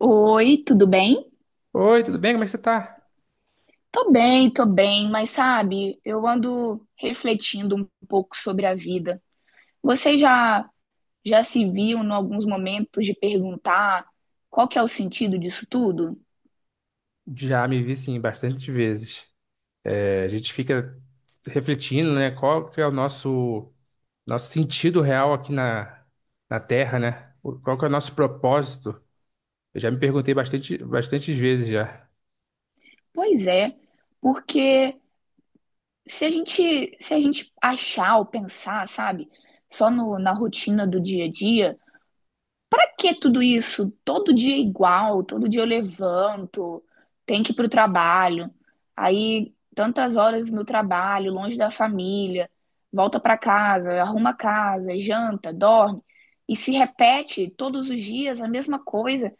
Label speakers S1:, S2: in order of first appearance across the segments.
S1: Oi, tudo bem?
S2: Oi, tudo bem? Como é que você tá?
S1: Tô bem, tô bem, mas sabe, eu ando refletindo um pouco sobre a vida. Você já se viu em alguns momentos de perguntar qual que é o sentido disso tudo?
S2: Já me vi, sim, bastante vezes. A gente fica refletindo, né? Qual que é o nosso sentido real aqui na Terra, né? Qual que é o nosso propósito? Eu já me perguntei bastante, bastantes vezes já.
S1: Pois é, porque se a gente achar ou pensar, sabe, só no, na rotina do dia a dia. Pra que tudo isso? Todo dia é igual, todo dia eu levanto, tenho que ir pro trabalho, aí tantas horas no trabalho, longe da família, volta pra casa, arruma a casa, janta, dorme, e se repete todos os dias a mesma coisa.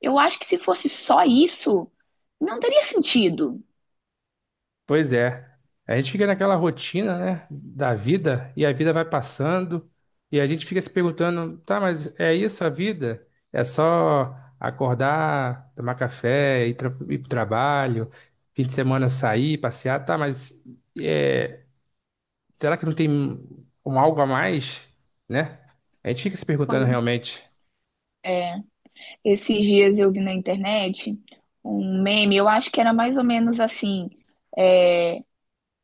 S1: Eu acho que se fosse só isso, não teria sentido.
S2: Pois é. A gente fica naquela rotina, né, da vida, e a vida vai passando, e a gente fica se perguntando, tá, mas é isso a vida? É só acordar, tomar café, ir pro trabalho, fim de semana sair, passear, tá, mas é, será que não tem um algo a mais, né? A gente fica se perguntando realmente.
S1: Esses dias eu vi na internet um meme, eu acho que era mais ou menos assim.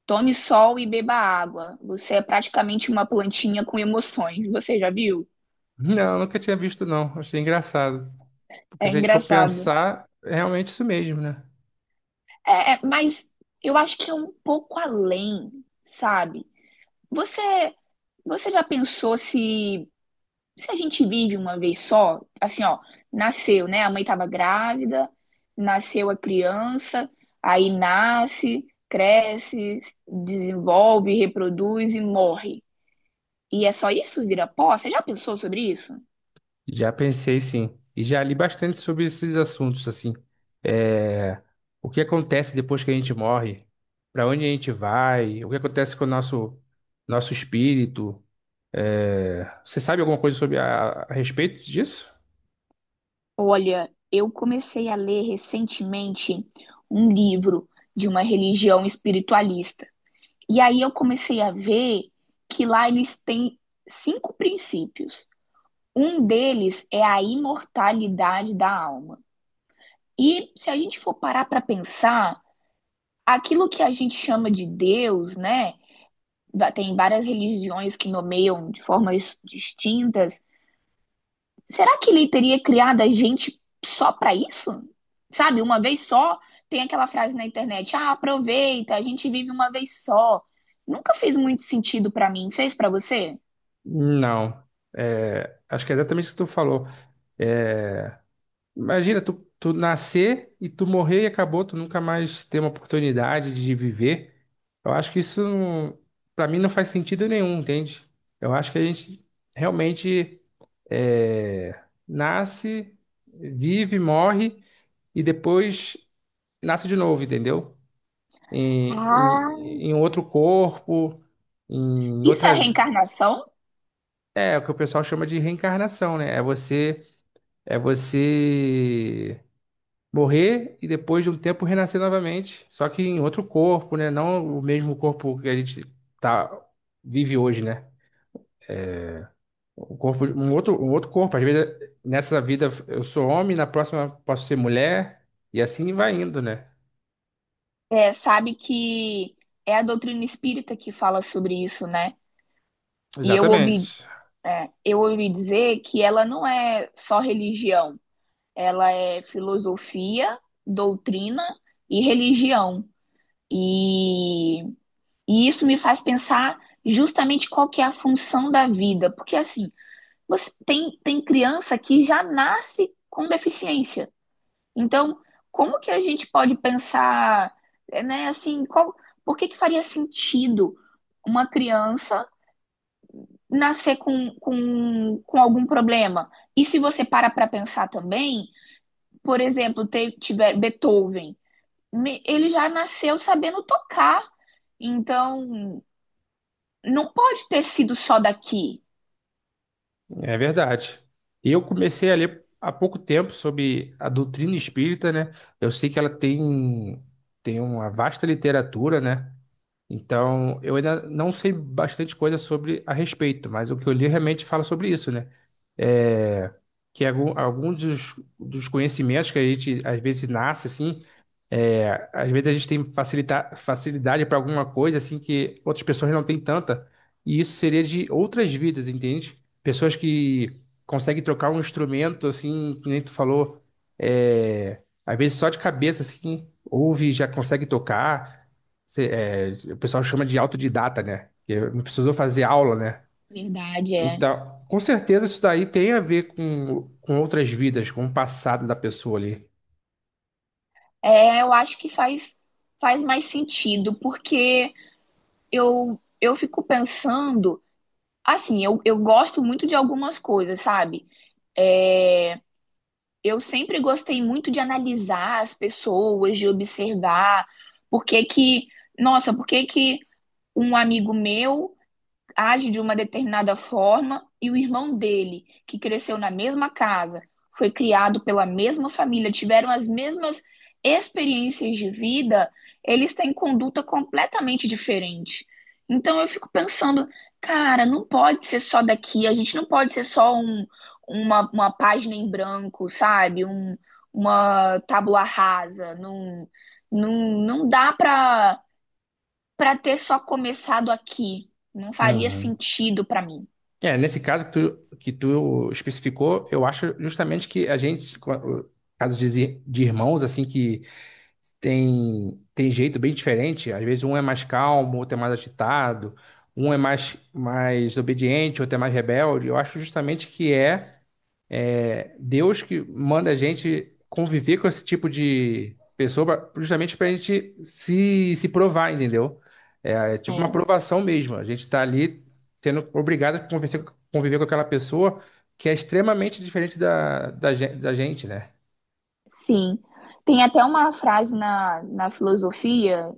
S1: Tome sol e beba água. Você é praticamente uma plantinha com emoções. Você já viu?
S2: Não, nunca tinha visto, não. Achei engraçado. Porque
S1: É
S2: se a gente for
S1: engraçado.
S2: pensar, é realmente isso mesmo, né?
S1: É, é, mas eu acho que é um pouco além, sabe? Você, você já pensou se, se a gente vive uma vez só? Assim, ó, nasceu, né? A mãe estava grávida, nasceu a criança, aí nasce, cresce, desenvolve, reproduz e morre. E é só isso, vira pó? Você já pensou sobre isso?
S2: Já pensei, sim. E já li bastante sobre esses assuntos, assim. É, o que acontece depois que a gente morre? Para onde a gente vai? O que acontece com o nosso espírito? Você sabe alguma coisa sobre a respeito disso?
S1: Olha, eu comecei a ler recentemente um livro de uma religião espiritualista. E aí eu comecei a ver que lá eles têm cinco princípios. Um deles é a imortalidade da alma. E se a gente for parar para pensar, aquilo que a gente chama de Deus, né? Tem várias religiões que nomeiam de formas distintas. Será que ele teria criado a gente só pra isso? Sabe, uma vez só, tem aquela frase na internet: "Ah, aproveita, a gente vive uma vez só". Nunca fez muito sentido pra mim, fez pra você?
S2: Não. É, acho que é exatamente isso que tu falou. Imagina, tu nascer e tu morrer e acabou, tu nunca mais ter uma oportunidade de viver. Eu acho que isso, para mim, não faz sentido nenhum, entende? Eu acho que a gente realmente, nasce, vive, morre e depois nasce de novo, entendeu? Em,
S1: Ah,
S2: em, em outro corpo, em
S1: isso é
S2: outra vida.
S1: reencarnação?
S2: É o que o pessoal chama de reencarnação, né? É você morrer e depois de um tempo renascer novamente, só que em outro corpo, né? Não o mesmo corpo que a gente tá, vive hoje, né? O corpo, um outro corpo. Às vezes, nessa vida eu sou homem, na próxima posso ser mulher, e assim vai indo, né?
S1: É, sabe que é a doutrina espírita que fala sobre isso, né? E eu ouvi,
S2: Exatamente.
S1: é, eu ouvi dizer que ela não é só religião, ela é filosofia, doutrina e religião. E E isso me faz pensar justamente qual que é a função da vida, porque assim, você tem criança que já nasce com deficiência. Então, como que a gente pode pensar, né, assim, por que que faria sentido uma criança nascer com algum problema? E se você para para pensar também, por exemplo, tiver Beethoven, ele já nasceu sabendo tocar. Então, não pode ter sido só daqui.
S2: É verdade. Eu comecei a ler há pouco tempo sobre a doutrina espírita, né? Eu sei que ela tem uma vasta literatura, né? Então, eu ainda não sei bastante coisa sobre a respeito, mas o que eu li realmente fala sobre isso, né? É, que alguns dos conhecimentos que a gente às vezes nasce assim. É, às vezes a gente tem facilidade para alguma coisa assim que outras pessoas não têm tanta, e isso seria de outras vidas, entende? Pessoas que conseguem trocar um instrumento assim, que nem tu falou, é, às vezes só de cabeça assim, ouve, e já consegue tocar. O pessoal chama de autodidata, né? Que não precisou fazer aula, né?
S1: Verdade, é.
S2: Então, com certeza isso daí tem a ver com outras vidas, com o passado da pessoa ali.
S1: É, eu acho que faz mais sentido, porque eu fico pensando, assim, eu gosto muito de algumas coisas, sabe? É, eu sempre gostei muito de analisar as pessoas, de observar por que que, nossa, por que que um amigo meu age de uma determinada forma e o irmão dele, que cresceu na mesma casa, foi criado pela mesma família, tiveram as mesmas experiências de vida, eles têm conduta completamente diferente. Então eu fico pensando, cara, não pode ser só daqui, a gente não pode ser só um, uma página em branco, sabe? Uma tábula rasa, não, não dá para ter só começado aqui. Não faria
S2: Uhum.
S1: sentido para mim.
S2: É, nesse caso que tu especificou, eu acho justamente que a gente, casos de de irmãos, assim, que tem jeito bem diferente, às vezes um é mais calmo, outro é mais agitado, um é mais obediente, outro é mais rebelde, eu acho justamente que é. É, Deus que manda a gente conviver com esse tipo de pessoa justamente para a gente se provar, entendeu? É, é tipo uma
S1: É,
S2: provação mesmo. A gente está ali sendo obrigado a conviver com aquela pessoa que é extremamente diferente da gente, né?
S1: sim. Tem até uma frase na filosofia,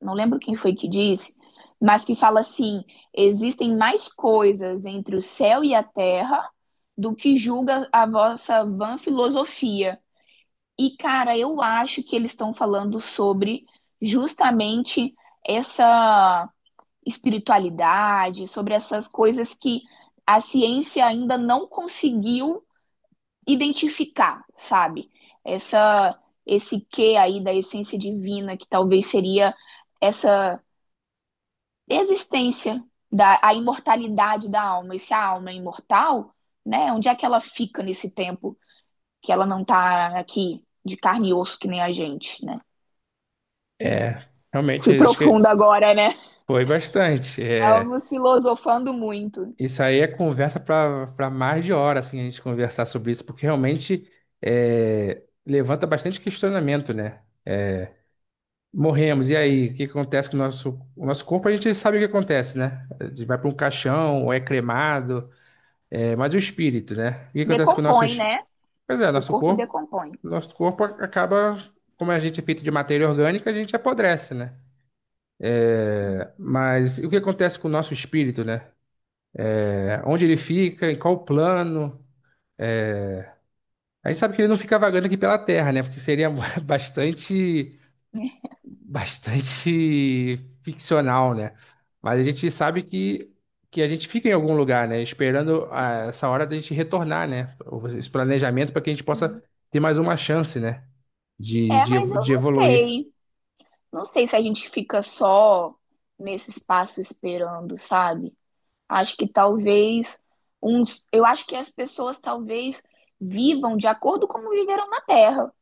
S1: não lembro quem foi que disse, mas que fala assim: existem mais coisas entre o céu e a terra do que julga a vossa vã filosofia. E, cara, eu acho que eles estão falando sobre justamente essa espiritualidade, sobre essas coisas que a ciência ainda não conseguiu identificar, sabe? Essa esse que aí da essência divina que talvez seria essa existência da a imortalidade da alma, e se a alma é imortal, né? Onde é que ela fica nesse tempo que ela não tá aqui de carne e osso que nem a gente, né?
S2: É, realmente,
S1: Fui
S2: acho
S1: profunda
S2: que
S1: agora, né?
S2: foi bastante. É,
S1: Estamos filosofando muito.
S2: isso aí é conversa para mais de hora, assim, a gente conversar sobre isso, porque realmente é, levanta bastante questionamento, né? Morremos, e aí? O que acontece com o nosso corpo? A gente sabe o que acontece, né? A gente vai para um caixão, ou é cremado, é, mas o espírito, né? O que acontece com o
S1: Decompõe, né? O
S2: nosso
S1: corpo
S2: corpo?
S1: decompõe.
S2: Nosso corpo acaba, como a gente é feito de matéria orgânica, a gente apodrece, né? Mas e o que acontece com o nosso espírito, né? É, onde ele fica, em qual plano? A gente sabe que ele não fica vagando aqui pela Terra, né? Porque seria bastante bastante ficcional, né? Mas a gente sabe que a gente fica em algum lugar, né? Esperando ah, essa hora da gente retornar, né? Esse planejamento para que a gente
S1: Uhum.
S2: possa ter mais uma chance, né? De,
S1: É,
S2: de,
S1: mas
S2: evo-
S1: eu
S2: de
S1: não
S2: evoluir.
S1: sei. Não sei se a gente fica só nesse espaço esperando, sabe? Acho que talvez uns, eu acho que as pessoas talvez vivam de acordo com como viveram na Terra.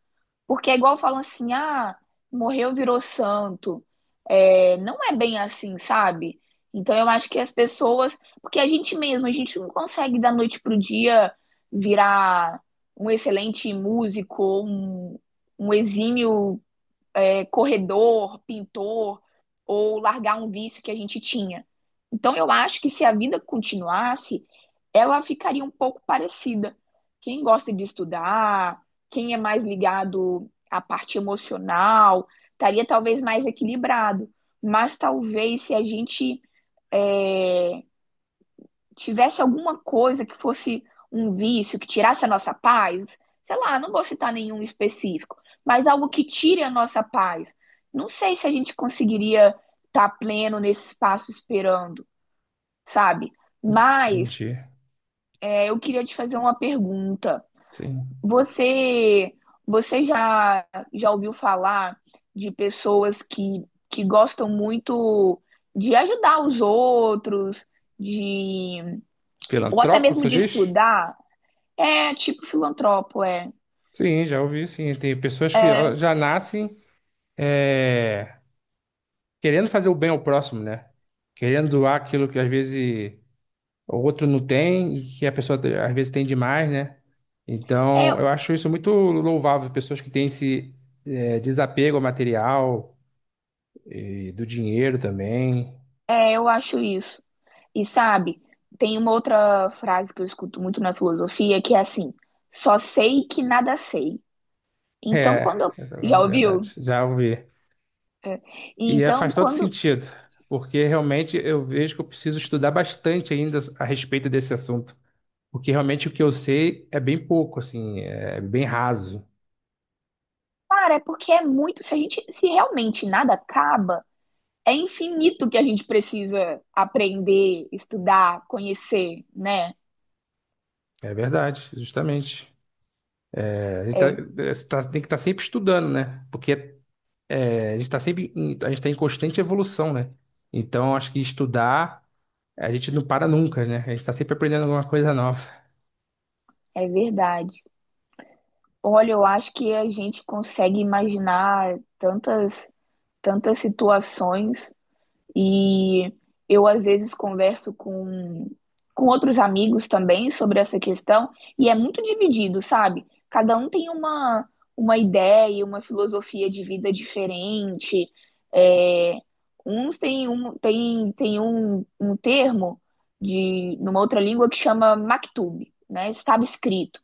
S1: Porque é igual falam assim, ah, morreu, virou santo. É, não é bem assim, sabe? Então eu acho que as pessoas, porque a gente mesmo, a gente não consegue da noite pro dia virar um excelente músico, ou um, exímio corredor, pintor, ou largar um vício que a gente tinha. Então, eu acho que se a vida continuasse, ela ficaria um pouco parecida. Quem gosta de estudar, quem é mais ligado à parte emocional, estaria talvez mais equilibrado. Mas talvez se a gente é, tivesse alguma coisa que fosse um vício, que tirasse a nossa paz, sei lá, não vou citar nenhum específico, mas algo que tire a nossa paz. Não sei se a gente conseguiria estar pleno nesse espaço esperando, sabe?
S2: A
S1: Mas
S2: gente,
S1: eu queria te fazer uma pergunta.
S2: sim.
S1: Você, você já ouviu falar de pessoas que gostam muito de ajudar os outros, de ou até
S2: Filantropo,
S1: mesmo
S2: tu
S1: de
S2: diz?
S1: estudar? É tipo filantropo, é.
S2: Sim, já ouvi, sim. Tem pessoas que ó, já nascem é, querendo fazer o bem ao próximo, né? Querendo doar aquilo que às vezes o outro não tem, e que a pessoa às vezes tem demais, né?
S1: É,
S2: Então, eu acho isso muito louvável, pessoas que têm esse é, desapego ao material e do dinheiro também.
S1: eu acho isso. E sabe, tem uma outra frase que eu escuto muito na filosofia que é assim: só sei que nada sei. Então, quando
S2: É,
S1: eu.
S2: é
S1: Já ouviu?
S2: verdade, já ouvi. E é,
S1: Então,
S2: faz todo
S1: quando.
S2: sentido, porque realmente eu vejo que eu preciso estudar bastante ainda a respeito desse assunto, porque realmente o que eu sei é bem pouco, assim, é bem raso.
S1: Cara, é porque é muito. Se a gente. Se realmente nada acaba, é infinito que a gente precisa aprender, estudar, conhecer, né?
S2: É verdade, justamente. É, a gente
S1: É,
S2: tem que estar sempre estudando, né? Porque é, a gente está sempre em, a gente tá em constante evolução, né? Então, acho que estudar, a gente não para nunca, né? A gente está sempre aprendendo alguma coisa nova.
S1: é verdade. Olha, eu acho que a gente consegue imaginar tantas, tantas situações. E eu, às vezes, converso com outros amigos também sobre essa questão, e é muito dividido, sabe? Cada um tem uma ideia, uma filosofia de vida diferente. É, uns têm um termo de numa outra língua que chama maktub, né? Estava escrito.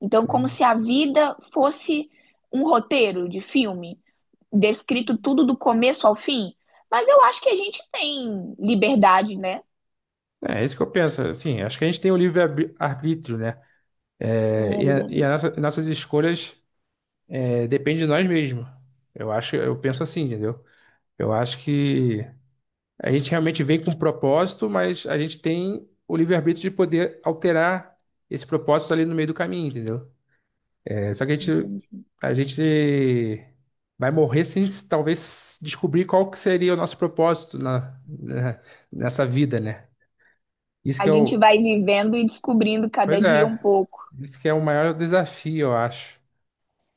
S1: Então, como
S2: É,
S1: se a vida fosse um roteiro de filme, descrito tudo do começo ao fim, mas eu acho que a gente tem liberdade, né?
S2: é isso que eu penso, assim, acho que a gente tem o livre-arbítrio, né?
S1: É,
S2: É, e a, e a
S1: liberdade.
S2: nossa- nossas escolhas é, dependem de nós mesmos. Eu acho, eu penso assim, entendeu? Eu acho que a gente realmente vem com um propósito, mas a gente tem o livre-arbítrio de poder alterar esse propósito ali no meio do caminho, entendeu? É, só que a gente,
S1: Entendi.
S2: a gente vai morrer sem talvez descobrir qual que seria o nosso propósito nessa vida, né? Isso que
S1: A
S2: é
S1: gente vai vivendo e descobrindo cada
S2: pois
S1: dia um
S2: é,
S1: pouco.
S2: isso que é o maior desafio, eu acho.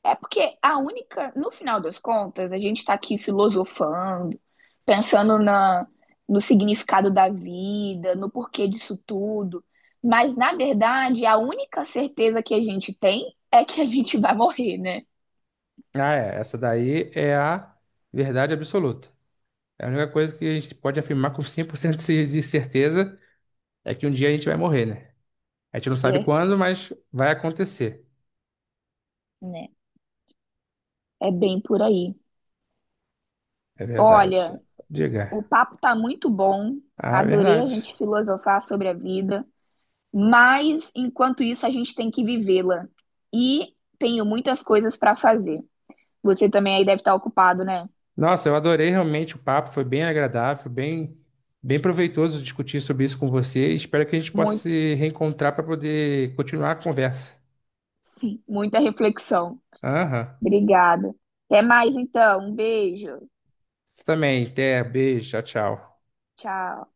S1: É porque a única, no final das contas, a gente está aqui filosofando, pensando no significado da vida, no porquê disso tudo. Mas, na verdade, a única certeza que a gente tem é que a gente vai morrer, né?
S2: Ah, é, essa daí é a verdade absoluta. É a única coisa que a gente pode afirmar com 100% de certeza é que um dia a gente vai morrer, né? A gente não sabe
S1: É,
S2: quando, mas vai acontecer.
S1: né? É bem por aí.
S2: É verdade.
S1: Olha, o
S2: Diga.
S1: papo tá muito bom.
S2: Ah, é
S1: Adorei a
S2: verdade.
S1: gente filosofar sobre a vida, mas enquanto isso a gente tem que vivê-la. E tenho muitas coisas para fazer. Você também aí deve estar ocupado, né?
S2: Nossa, eu adorei realmente o papo, foi bem agradável, bem, bem proveitoso discutir sobre isso com você. Espero que a gente possa
S1: Muito,
S2: se reencontrar para poder continuar a conversa.
S1: sim, muita reflexão.
S2: Aham.
S1: Obrigada. Até mais então. Um beijo.
S2: Você também, até, beijo, tchau, tchau.
S1: Tchau.